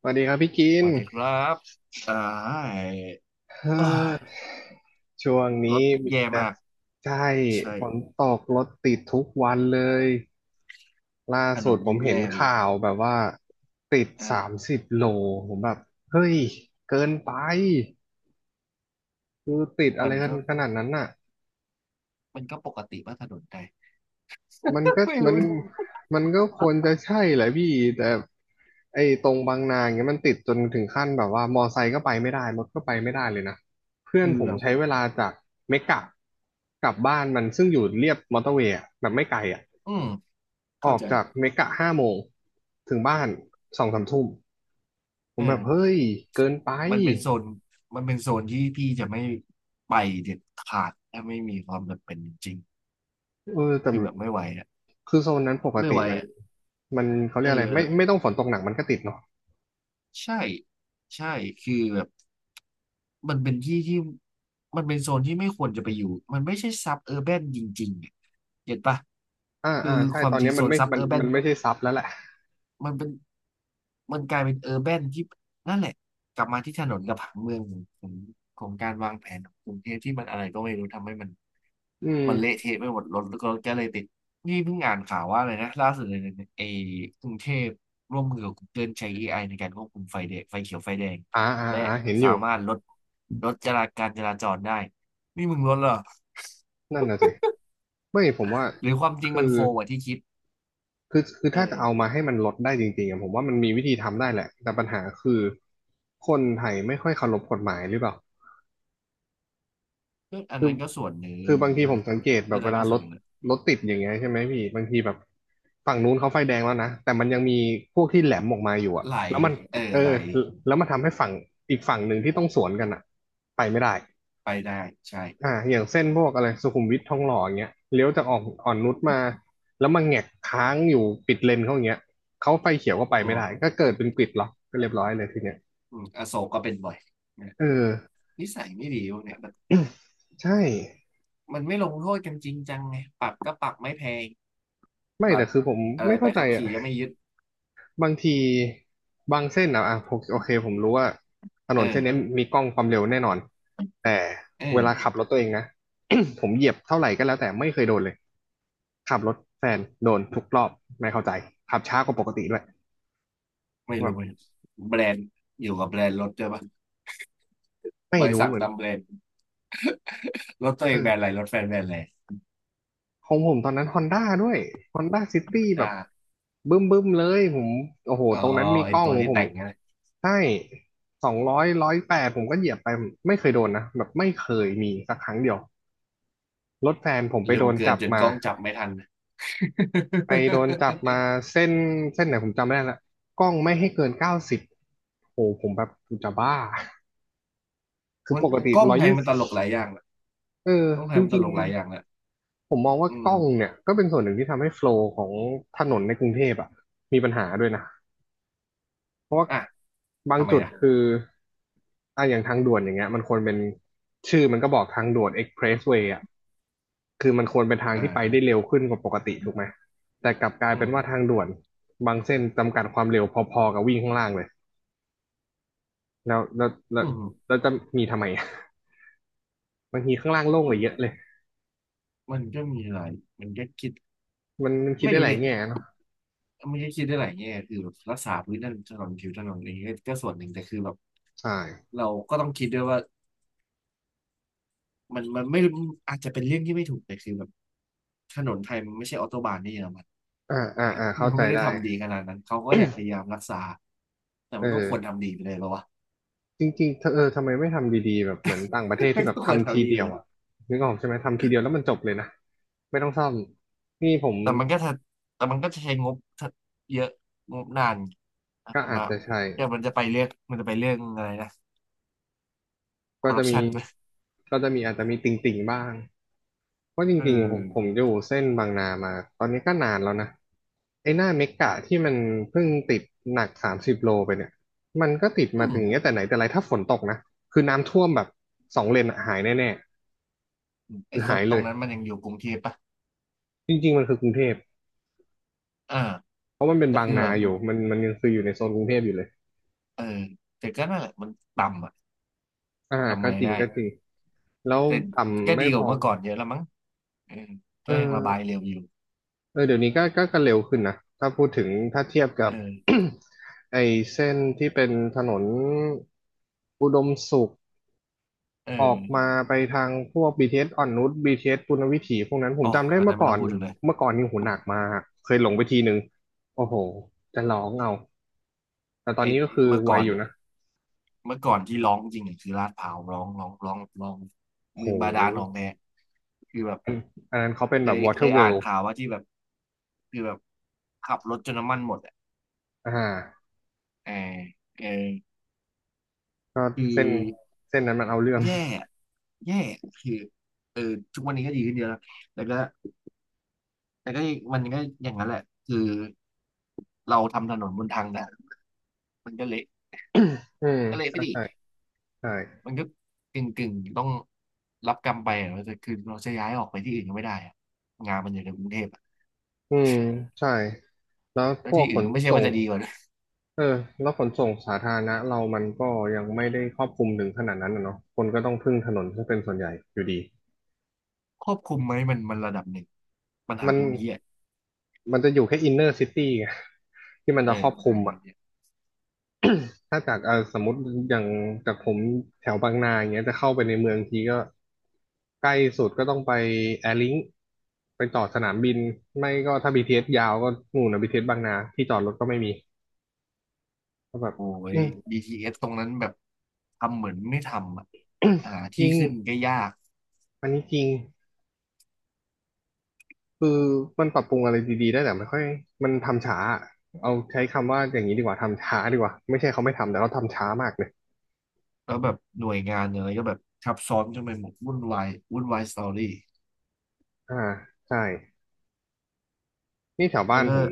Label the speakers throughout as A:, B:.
A: สวัสดีครับพี่กิ
B: ส
A: น
B: วัสดีครับอ่าเ
A: เอ่
B: อ้
A: อ
B: ย
A: ช่วง
B: ร
A: นี้
B: ถ
A: มี
B: แย่
A: แต่
B: มาก
A: ใช่ฝน
B: ใช่
A: ตกรถติดทุกวันเลย ล่า
B: ถ
A: สุ
B: น
A: ด
B: น
A: ผม
B: ยิ่ง
A: เห็น
B: แย่ไปอีก
A: ข่าวแบบว่าติดสาม
B: อ่า
A: สิบโลผมแบบเฮ้ยเกินไปคือติดอะ
B: มั
A: ไร
B: น
A: กัน
B: ก็
A: ขนาดนั้นน่ะ
B: มันก็ปกติว่าถนนไทย
A: มัน ก็
B: ไม่
A: มัน
B: รู้ดิ
A: มันก็ควรจะใช่แหละพี่แต่ไอ้ตรงบางนาอย่างเงี้ยมันติดจนถึงขั้นแบบว่ามอไซค์ก็ไปไม่ได้รถก็ไปไม่ได้เลยนะเพื่อน
B: คือ
A: ผม
B: แบบ
A: ใช้เวลาจากเมกะกลับบ้านมันซึ่งอยู่เรียบมอเตอร์เวย์อะแบบไม่ไกลอ่ะ
B: อืม
A: อ
B: เข้า
A: อก
B: ใจ
A: จากเมกะ5โมงถึงบ้าน2-3ทุ่มผ
B: เอ
A: มแบบ
B: อ
A: เฮ้ยเกินไป
B: มันเป็นโซนที่พี่จะไม่ไปเด็ดขาดถ้าไม่มีความจำเป็นจริง
A: เออแต่
B: คือแบบไม่ไหวอ่ะ
A: คือโซนนั้นปก
B: ไม่
A: ติ
B: ไหว
A: มัน
B: อ่ะ
A: มันเขาเรี
B: เอ
A: ยกอะไร
B: อ
A: ไม่ต้องฝนตกหนักมันก็ติดเนาะ
B: ใช่ใช่คือแบบ มันเป็นที่ที่มันเป็นโซนที่ไม่ควรจะไปอยู่ มันไม่ใช่ซับเออร์แบนจริงๆอะเห็นปะ
A: อ่าอ่า
B: คือ
A: ใช่
B: ควา
A: ต
B: ม
A: อน
B: จริ
A: นี้
B: งโซ
A: มัน
B: น
A: ไม่
B: ซับ
A: มั
B: เอ
A: น
B: อร์แบ
A: มั
B: น
A: นไม่ใช่ซับแล้วแหละ
B: มันเป็น มันกลายเป็นเออร์แบนที่นั่นแหละกลับมาที่ถนนกับผังเมืองของของการวางแผนของกรุงเทพที่มันอะไรก็ไม่รู้ทำให้มัน
A: อืม
B: มันเละเทะไปหมดรถก็เลยติดนี่เพิ่งอ่านข่าวว่าเลยนะล่าสุดเลยนะไอ้กรุงเทพร่วมมือกับ Google ใช้เอไอในการควบคุมไฟแดงไฟเขียวไฟแดง
A: อ่าอ่า
B: และ
A: อ่าเห็นอ
B: สา
A: ยู่
B: มารถลดลดจราการจราจรได้นี่มึงลดเหรอ
A: นั่นน่ะสิไม่ผมว่า
B: หรือความจริง
A: คือ
B: มันโฟกว่าที่คิด
A: คือ
B: เอ
A: ถ้าจะเอา
B: อ
A: มาให้มันลดได้จริงๆอะผมว่ามันมีวิธีทำได้แหละแต่ปัญหาคือคนไทยไม่ค่อยเคารพกฎหมายหรือเปล่า
B: ก็อัน
A: คือ
B: นั้นก็ส่วนหนึ่
A: คื
B: ง
A: อบางที
B: ก
A: ผมสัง
B: ็
A: เกตแบ
B: ก็อัน
A: บเว
B: นั้น
A: ลา
B: ก็
A: ร
B: ส่วน
A: ถ
B: หนึ่งนะ
A: รถติดอย่างเงี้ยใช่ไหมพี่บางทีแบบฝั่งนู้นเขาไฟแดงแล้วนะแต่มันยังมีพวกที่แหลมออกมาอยู่อะ
B: ไหล
A: แล้วมัน
B: เออ
A: เอ
B: ไหล
A: อแล้วมันทำให้ฝั่งอีกฝั่งหนึ่งที่ต้องสวนกันอะไปไม่ได้
B: ไปได้ใช่
A: อ่าอย่างเส้นพวกอะไรสุขุมวิททองหล่ออย่างเงี้ยเลี้ยวจากอ่อนนุชมาแล้วมาแงกค้างอยู่ปิดเลนเขาอย่างเงี้ยเขาไฟเขียวก็ไป
B: โอ้
A: ไม่ได้ก็เกิดเป็นกริดล็อกก็เรียบร้อยเลยทีเนี้ย
B: อืมอโศกก็เป็นบ่อยนะ
A: เออ
B: นิสัยไม่ดีพวกเนี่ยมัน
A: ใช่
B: มันไม่ลงโทษกันจริงจังไงปรับก็ปรับไม่แพง
A: ไม่
B: บั
A: แต่
B: ตร
A: คือผม
B: อะไร
A: ไม่
B: ใบ
A: เข้าใจ
B: ขับ
A: อ่ะ
B: ขี่ก็ไม่ยึด
A: บางทีบางเส้นอ่ะอ่ะผมโอเคผมรู้ว่าถน
B: เอ
A: นเส้นนี้
B: อ
A: มีกล้องความเร็วแน่นอนแต่
B: เออ
A: เวลาขับรถตัวเองนะ ผมเหยียบเท่าไหร่ก็แล้วแต่ไม่เคยโดนเลยขับรถแฟนโดนทุกรอบไม่เข้าใจขับช้ากว่าปกติด้วย
B: ไม่รู้
A: แบ
B: ไหม
A: บ
B: แบรนด์อยู่กับแบรนด์รถด้วยปะ
A: ไม่
B: บริ
A: รู้
B: ษัท
A: เหมือน
B: ตามแบรนด์รถตัวเอ
A: เอ
B: ง
A: อ
B: แบรนด์อะไรรถแฟนแบรนด์อะไร
A: ของผมตอนนั้นฮอนด้าด้วยฮอนด้าซิ
B: ฮอ
A: ตี้
B: น
A: แบบ
B: ด้า
A: บึ้มบึ้มเลยผมโอ้โห
B: อ๋อ
A: ตรงนั้นมี
B: ไอ
A: กล้อ
B: ตั
A: ง
B: วที่
A: ผม
B: แต่งนะ
A: ใช่200108ผมก็เหยียบไป ไม่เคยโดนนะ แบบไม่เคยมีสักครั้งเดียว รถแฟนผมไป
B: เร็
A: โด
B: ว
A: น
B: เกิน
A: จับ
B: จน
A: มา
B: กล้องจับไม่ทัน
A: ไปโดนจับมา เส้น ไหนผมจำไม่ได้ละกล้องไม่ให้เกิน90โอ้โห ผมแบบกูจะบ้า คือ
B: มั
A: ป
B: น
A: กติ
B: กล้อง
A: ร้อย
B: ไทย
A: ยี่
B: มัน
A: สิ
B: ต
A: บ
B: ลกหลายอย่างแะ
A: เออ
B: กล้องไท
A: จ
B: ยมันต
A: ริง
B: ลกหลายอย่างแะ
A: ผมมองว่า
B: อื
A: กล้
B: ม
A: องเนี่ยก็เป็นส่วนหนึ่งที่ทำให้โฟลว์ของถนนในกรุงเทพอ่ะมีปัญหาด้วยนะเพราะว่า
B: อ่ะ
A: บาง
B: ทำไม
A: จุด
B: นะ
A: คืออ่ะอย่างทางด่วนอย่างเงี้ยมันควรเป็นชื่อมันก็บอกทางด่วนเอ็กเพรสเวย์อ่ะคือมันควรเป็นทาง
B: อ่า
A: ที่ไป
B: ฮะ
A: ได้เร็วขึ้นกว่าปกติถูกไหมแต่กลับกลาย
B: อื
A: เป็นว่าทาง
B: ม
A: ด่วนบางเส้นจำกัดความเร็วพอๆกับวิ่งข้างล่างเลยแล้วแล้วแล้
B: อื
A: ว
B: ม
A: แล้วจะมีทำไม บางทีข้างล่างโล่งก
B: มัน
A: ว่าเยอะเลย
B: มันก็มีหลายมันก็คิด
A: มันมันคิด
B: ไม่
A: ได้
B: รู้
A: หลา
B: ดิ
A: ยแง่เนาะ
B: มันก็คิดได้หลายแง่คือแบบรักษาพื้นถนนผิวถนนอะไรอย่างเงี้ยก็ส่วนหนึ่งแต่คือแบบ
A: ใช่
B: เราก็ต้องคิดด้วยว่ามันไม่อาจจะเป็นเรื่องที่ไม่ถูกแต่คือแบบถนนไทยมันไม่ใช่ออโตบานที่เยอรมัน
A: อ่าอ่าอ่าเข้า
B: มัน
A: ใจ
B: ไม่ได้
A: ได้
B: ทำดีขนาดนั้นเขาก็อยากพยายามรักษาแต่
A: เ
B: มันก็ควร
A: ออ
B: ทำดีไปเลยปะวะ
A: จริงๆเธอเออทำไมไม่ทำดีๆแบบเหมือนต่างประเทศที่ แบบ
B: ก็ควร
A: ทำที
B: ทำดี
A: เดี
B: ไป
A: ยว
B: เลย
A: อ่ะนึกออกใช่ไหมทำทีเดียวแล้วมันจบเลยนะไม่ต้องซ่อมนี่ผม
B: แต่มันก็ถ้าแต่มันก็จะใช้งบเยอะงบนาน
A: ก็อาจ
B: มา
A: จะใช่
B: เดี๋ยวมันจะไปเรื่องอะไรนะค
A: ก็
B: อร์รั
A: จะ
B: ป
A: มี
B: ชันไหม
A: อาจจะมีติ่งๆบ้างเพราะจ
B: เออ
A: ริงๆผมอยู่เส้นบางนามาตอนนี้ก็นานแล้วนะไอ้หน้าเมกะที่มันเพิ่งติดหนักสามสิบโลไปเนี่ยมันก็ติด
B: อื
A: มา
B: ม
A: ถึงอย่างเงี้ยแต่ไหนแต่ไรถ้าฝนตกนะคือน้ำท่วมแบบสองเลนอะหายแน่ๆ
B: ไอ้
A: คือ
B: โซ
A: หา
B: น
A: ย
B: ต
A: เล
B: รง
A: ย
B: นั้นมันยังอยู่กรุงเทพปะ
A: จริงๆมันคือกรุงเทพ
B: อ่า
A: เพราะมันเป็น
B: ก็
A: บาง
B: คือ
A: นา
B: แบบ
A: อยู่ มันยังคืออยู่ในโซนกรุงเทพอยู่เลย
B: เออแต่ก็นั่นแหละมันต่ำอ่ะ
A: อ่า
B: ทำ
A: ก็
B: ไง
A: จริง
B: ได้
A: ก็จริง แล้ว
B: แต่ก็
A: ต่ำไม่
B: ดีก
A: พ
B: ว่า
A: อ
B: เมื่อก่อนเยอะแล้วมั้งเออ
A: เอ
B: ก็ยังระบาย
A: อ
B: เร็วอยู่
A: เออเดี๋ยวนี้ก็เร็วขึ้นนะ ถ้าพูดถึงถ้าเทียบกั
B: เอ
A: บ
B: อ
A: ไอ้เส้นที่เป็นถนนอุดมสุข
B: เออ
A: ออกมาไปทางพวก BTS อสอ่อนนุช BTS ปุณณวิถีพวกนั้นผ
B: อ๋
A: ม
B: อ
A: จำได้
B: อัน
A: เมื่
B: นั้น
A: อ
B: ไม่
A: ก่อ
B: ต้อง
A: น
B: พูดถึงเลย
A: เมื่อก่อนนี่โหูหนักมากเคยหลงไปทีนึงโอ้โห จะร้องเอาแต่ตอน
B: ไอ้
A: นี้ก็คือ
B: เมื่อ
A: ไว
B: ก่อน
A: อยู่นะ
B: ที่ร้องจริงเนี่ยคือลาดพร้าวร้อง
A: โ
B: เมืองบาดาลหนอง
A: ห
B: แดคือแบบ
A: อันนั้นเขาเป็น
B: เค
A: แบบ
B: ยเค
A: Water
B: ยอ่าน
A: World
B: ข่าวว่าที่แบบคือแบบขับรถจนน้ำมันหมดอ่ะ
A: อ่า
B: เออเออ
A: ก็
B: คือ
A: เส้นนั้นมันเอาเรื่อง
B: แย่ แย่คือเออทุกวันนี้ก็ดีขึ้นเยอะแล้วแต่ก็แต่ก็มันก็อย่างนั้นแหละคือเราทำถนนบนทางด่านมันก็เละ
A: อืม
B: ก็เละไป
A: ใช่
B: ดิ
A: ใช่ใช่
B: มันก็กึ่งต้องรับกรรมไปอะแต่คือเราจะย้ายออกไปที่อื่นก็ไม่ได้อะงานมันอยู่ในกรุงเทพอะ
A: อืมใช่แล้ว
B: แล้
A: พ
B: ว
A: วก
B: ที่
A: ข
B: อื่น
A: น
B: ก็ไม่ใช่
A: ส่ง
B: ว่าจะดีกว่านะ
A: เออแล้วขนส่งสาธารณะเรามันก็ยังไม่ได้ครอบคลุมถึงขนาดนั้นนะเนาะคนก็ต้องพึ่งถนนซึ่งเป็นส่วนใหญ่อยู่ดี
B: ควบคุมไหมมันระดับหนึ่งปัญหา
A: มัน
B: คือมันเหี้ย
A: มันจะอยู่แค่อินเนอร์ซิตี้ไงที่มัน
B: เอ
A: จะค
B: อ
A: รอบ
B: ปั
A: ค
B: ญ
A: ลุ
B: หา
A: ม
B: มั
A: อ่ะ
B: นเหี้ย
A: ถ้าจากสมมติอย่างจากผมแถวบางนาอย่างเงี้ยจะเข้าไปในเมืองทีก็ใกล้สุดก็ต้องไปแอร์ลิงไปต่อสนามบินไม่ก็ถ้า BTS ยาวก็นู่นนะบีทีเ t สบางนาที่จอดรถก็ไม่มีก็แบบ
B: โอ้
A: อื
B: ย
A: ม
B: BTS ตรงนั้นแบบทำเหมือนไม่ทำอะ่า
A: จ
B: ที่
A: ริง
B: ขึ้นก็ยาก
A: อันนี้จริงคือมันปรับปรุงอะไรดีๆได้แต่ไม่ค่อยมันทำช้าเอาใช้คำว่าอย่างนี้ดีกว่าทำช้าดีกว่าไม่ใช่เขาไม่ทำแต่เขาทำช้ามากเลย
B: แล้วแบบหน่วยงานอะไรก็แบบทับซ้อนจนไปหมดวุ่นวายวุ่นวายสตอรี่
A: อ่าใช่ นี่แถวบ้า
B: แล้ว
A: น
B: ก็
A: ผม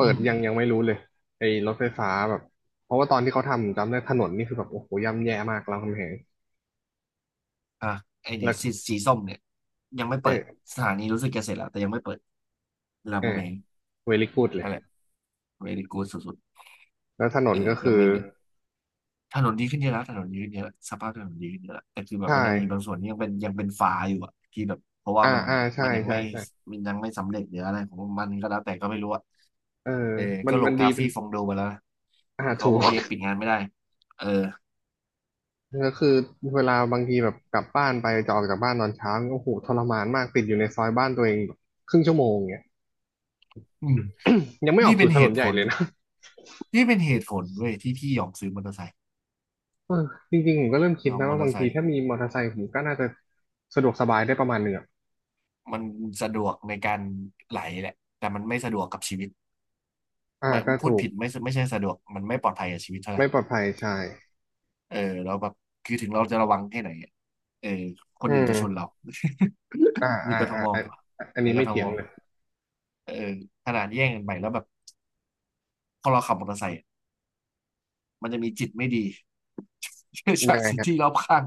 B: อื
A: ิด
B: ม
A: ยังไม่รู้เลยไอ้รถไฟฟ้าแบบเพราะว่าตอนที่เขาทำจำได้ถนนนี่คือแบบโอ้โหย่ำแย่มากรามคำแหง
B: อ่ะไอ
A: แล้
B: เนี่ย
A: ว
B: สีส้มเนี่ยยังไม่
A: เ
B: เปิด
A: ออ
B: สถานีรู้สึกจะเสร็จแล้วแต่ยังไม่เปิดราม
A: เอ
B: คำ
A: อ
B: แหง
A: เวลิกูดเล
B: อะ
A: ย
B: ไรเวลิกูสุด
A: แล้วถน
B: ๆเอ
A: น
B: อ
A: ก็
B: ก็
A: คือ
B: ไมู่ถนนดีขึ้นเยอะแล้วถนนดีขึ้นเยอะแล้วสภาพถนนดีขึ้นเยอะแล้วแต่คือแบบ
A: ใช่
B: มันยังมีบางส่วนที่ยังเป็นฝาอยู่อ่ะที่แบบเพราะว่า
A: อ่า
B: มัน
A: อ่าใช่
B: มันยัง
A: ใช่
B: ไม่
A: ใช่
B: มันยังไม่สำเร็จหรืออะไรของมันก็แล้วแต่ก็ไม่รู้อะ
A: เออ
B: เออ
A: มัน
B: ก็ล
A: มั
B: ง
A: นดี
B: ทา
A: เป็น
B: ฟี่ฟองโดมาแล้ว
A: อ่า
B: นะเขา
A: ถู
B: บอกว่า
A: ก
B: ยังปิดงานไม่ได้เออ
A: ก็คือเวลาบางทีแบบกลับบ้านไปจะออกจากบ้านตอนเช้าโอ้โหทรมานมากติดอยู่ในซอยบ้านตัวเองแบบครึ่งชั่วโมงเนี่ย
B: อืม
A: ยังไม่อ
B: นี่
A: อก
B: เป็
A: สู่
B: น
A: ถ
B: เห
A: นน
B: ตุ
A: ให
B: ผ
A: ญ่
B: ล
A: เลยนะ
B: นี่เป็นเหตุผลเว้ยที่พี่ยอมซื้อมอเตอร์ไซค์
A: เออจริงๆผมก็เริ่มคิ
B: ย
A: ด
B: อม
A: นะ
B: มอ
A: ว่า
B: เตอ
A: บา
B: ร์
A: ง
B: ไซ
A: ที
B: ค์
A: ถ้ามีมอเตอร์ไซค์ผมก็น่าจะสะดวกสบายได้ประมาณหนึ่งอะ
B: มันสะดวกในการไหลแหละแต่มันไม่สะดวกกับชีวิต
A: อ่า
B: ไม่
A: ก็
B: พู
A: ถู
B: ด
A: ก
B: ผิดไม่ไม่ใช่สะดวกมันไม่ปลอดภัยกับชีวิตเท่าไหร่
A: ไม่ปลอดภัยใช่
B: เออเราแล้วแบบคือถึงเราจะระวังแค่ไหนอะเออค
A: อื
B: นอื่นจะชนเรา
A: มอ่า
B: มี
A: อ่า
B: กท
A: อ่า
B: ม
A: อันอัน
B: ใน
A: นี้
B: ก
A: ไม่
B: ท
A: เถีย
B: ม
A: งเลย
B: เออขนาดแย่งกันไปแล้วแบบพอเราขับมอเตอร์ไซค์อะมันจะมีจิตไม่ดี จา
A: ยั
B: ก
A: งไง
B: สิ่ง
A: ฮะ
B: ที่รอบข้าง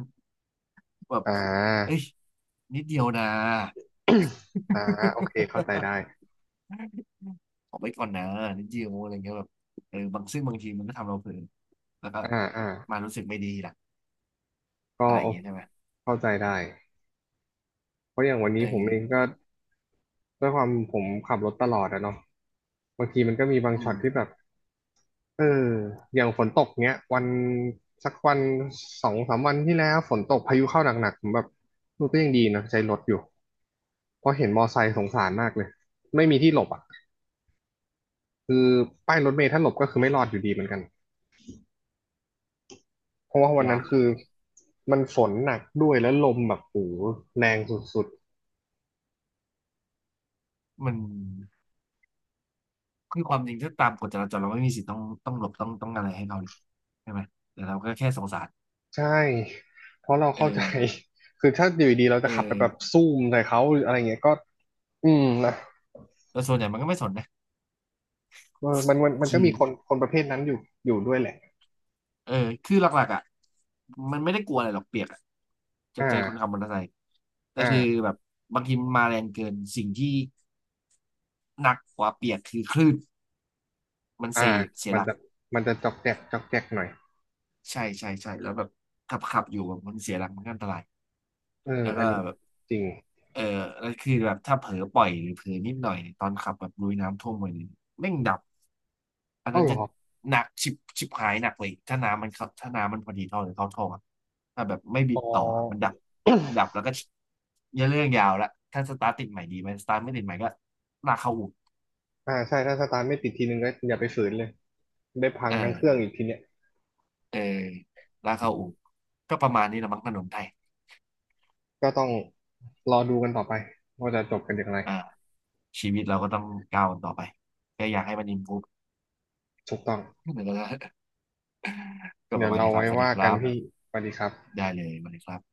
B: แบบ
A: อ่า
B: เอ้ย นิดเดียวนะ
A: อ่าโอเคเข้าใจได้
B: ออไไปก่อนนะนิดเดียวอะไรเงี้ยแบบเออบางซึ่งบางทีมันก็ทำเราเผลอแล้วก็
A: อ่าอ่า
B: มารู้สึกไม่ดีล่ะ
A: ก็
B: อะไรอ
A: โอ
B: ย่างเงี้ยใช่ไหม
A: เข้าใจได้เพราะอย่างวัน
B: เอ
A: นี้ผมเอง
B: อ
A: ก็ด้วยความผมขับรถตลอดอะเนาะบางทีมันก็มีบาง
B: อื
A: ช็อ
B: ม
A: ตที่แบบ เอออย่างฝนตกเงี้ยวันสักวันสองสามวันที่แล้วฝนตกพายุเข้าหนักๆผมแบบเออก็ยังดีนะใช้รถอยู่เพราะเห็นมอไซค์สงสารมากเลยไม่มีที่หลบอ่ะคือป้ายรถเมล์ถ้าหลบก็คือไม่รอดอยู่ดีเหมือนกันเพราะว่าวัน
B: ยา
A: นั้น
B: ก
A: คือมันฝนหนักด้วยแล้วลมแบบโอ้โหแรงสุด
B: มันคือความจริงถ้าตามกฎจราจรเราไม่มีสิทธิ์ต้องหลบต้องอะไรให้เขาเลยใช่ไหมแต่เราก็แค่สงสาร
A: ๆใช่เพราะเรา
B: เอ
A: เข้าใจ
B: อ
A: คือถ้าอยู่ดีๆเราจะ
B: เอ
A: ขับไปแบบ
B: อ
A: ซูมใส่เขาหรืออะไรเงี้ยก็อืมนะ
B: แต่ส่วนใหญ่มันก็ไม่สนนะ
A: เออมันก็
B: คือ
A: มีคนประเภทนั้นอยู่อยู่ด้วยแหละ
B: เออคือหลักๆอ่ะมันไม่ได้กลัวอะไรหรอกเปียกอะ
A: อ
B: จากใจคนขับ
A: ่า
B: มอเตอร์ไซค์แต่
A: อ่
B: คือ
A: า
B: แบบบางทีมันมาแรงเกินสิ่งที่หนักกว่าเปียกคือคลื่น มัน
A: อ่า
B: เซเสีย
A: มั
B: ห
A: น
B: ลัก
A: จะมันจะจอกแจกจอกแจกหน่อย
B: ใช่ใช่ใช่แล้วแบบขับอยู่แบบมันเสียหลักมันก็อันตราย
A: เออ
B: แล้ว
A: อั
B: ก็
A: นนี้
B: แบบ
A: จริง
B: เออแล้วคือแบบถ้าเผลอปล่อยหรือเผลอนิดหน่อยเนี่ยตอนขับแบบลุยน้ำท่วมไปเนี่ยแม่งดับอัน
A: เอ้า
B: นั้น
A: เหร
B: จะ
A: อ
B: หนักชิบหายหนักเลยถ้าน้ำมันเข้าถ้าน้ำมันพอดีท่อหรือเข้าท่ออะถ้าแบบไม่บิ
A: อ๋
B: ดต่ออะมัน
A: อ
B: ดับดับแล้วก็เยอะเรื่องยาวละถ้าสตาร์ทติดใหม่ดีไหมสตาร์ทไม่ติดใหม่ก็ลากเข้าอู่
A: อ่า ใช่ ถ้าสตาร์ทไม่ติดทีนึงก็อย่าไปฝืนเลย ได้พังทั้งเครื่อ
B: อ่า
A: งอีกทีเนี้ย
B: เออลากเข้าอู่ก็ประมาณนี้ละมั้งถนนไทย
A: ก็ต้องรอดูกันต่อไปว่าจะจบกันอย่างไร
B: อ่า ชีวิตเราก็ต้องก้าวกันต่อไปก็อยากให้มัน improve
A: ถูกต้อง
B: ก็ป
A: เดี๋ย
B: ระ
A: ว
B: มาณ
A: เรา
B: นี้ครั
A: ไว้
B: บสวัสดี
A: ว่า
B: ค
A: กั
B: รั
A: นพี่
B: บ
A: สวัสดีครับ
B: ได้เลยสวัสดีครับ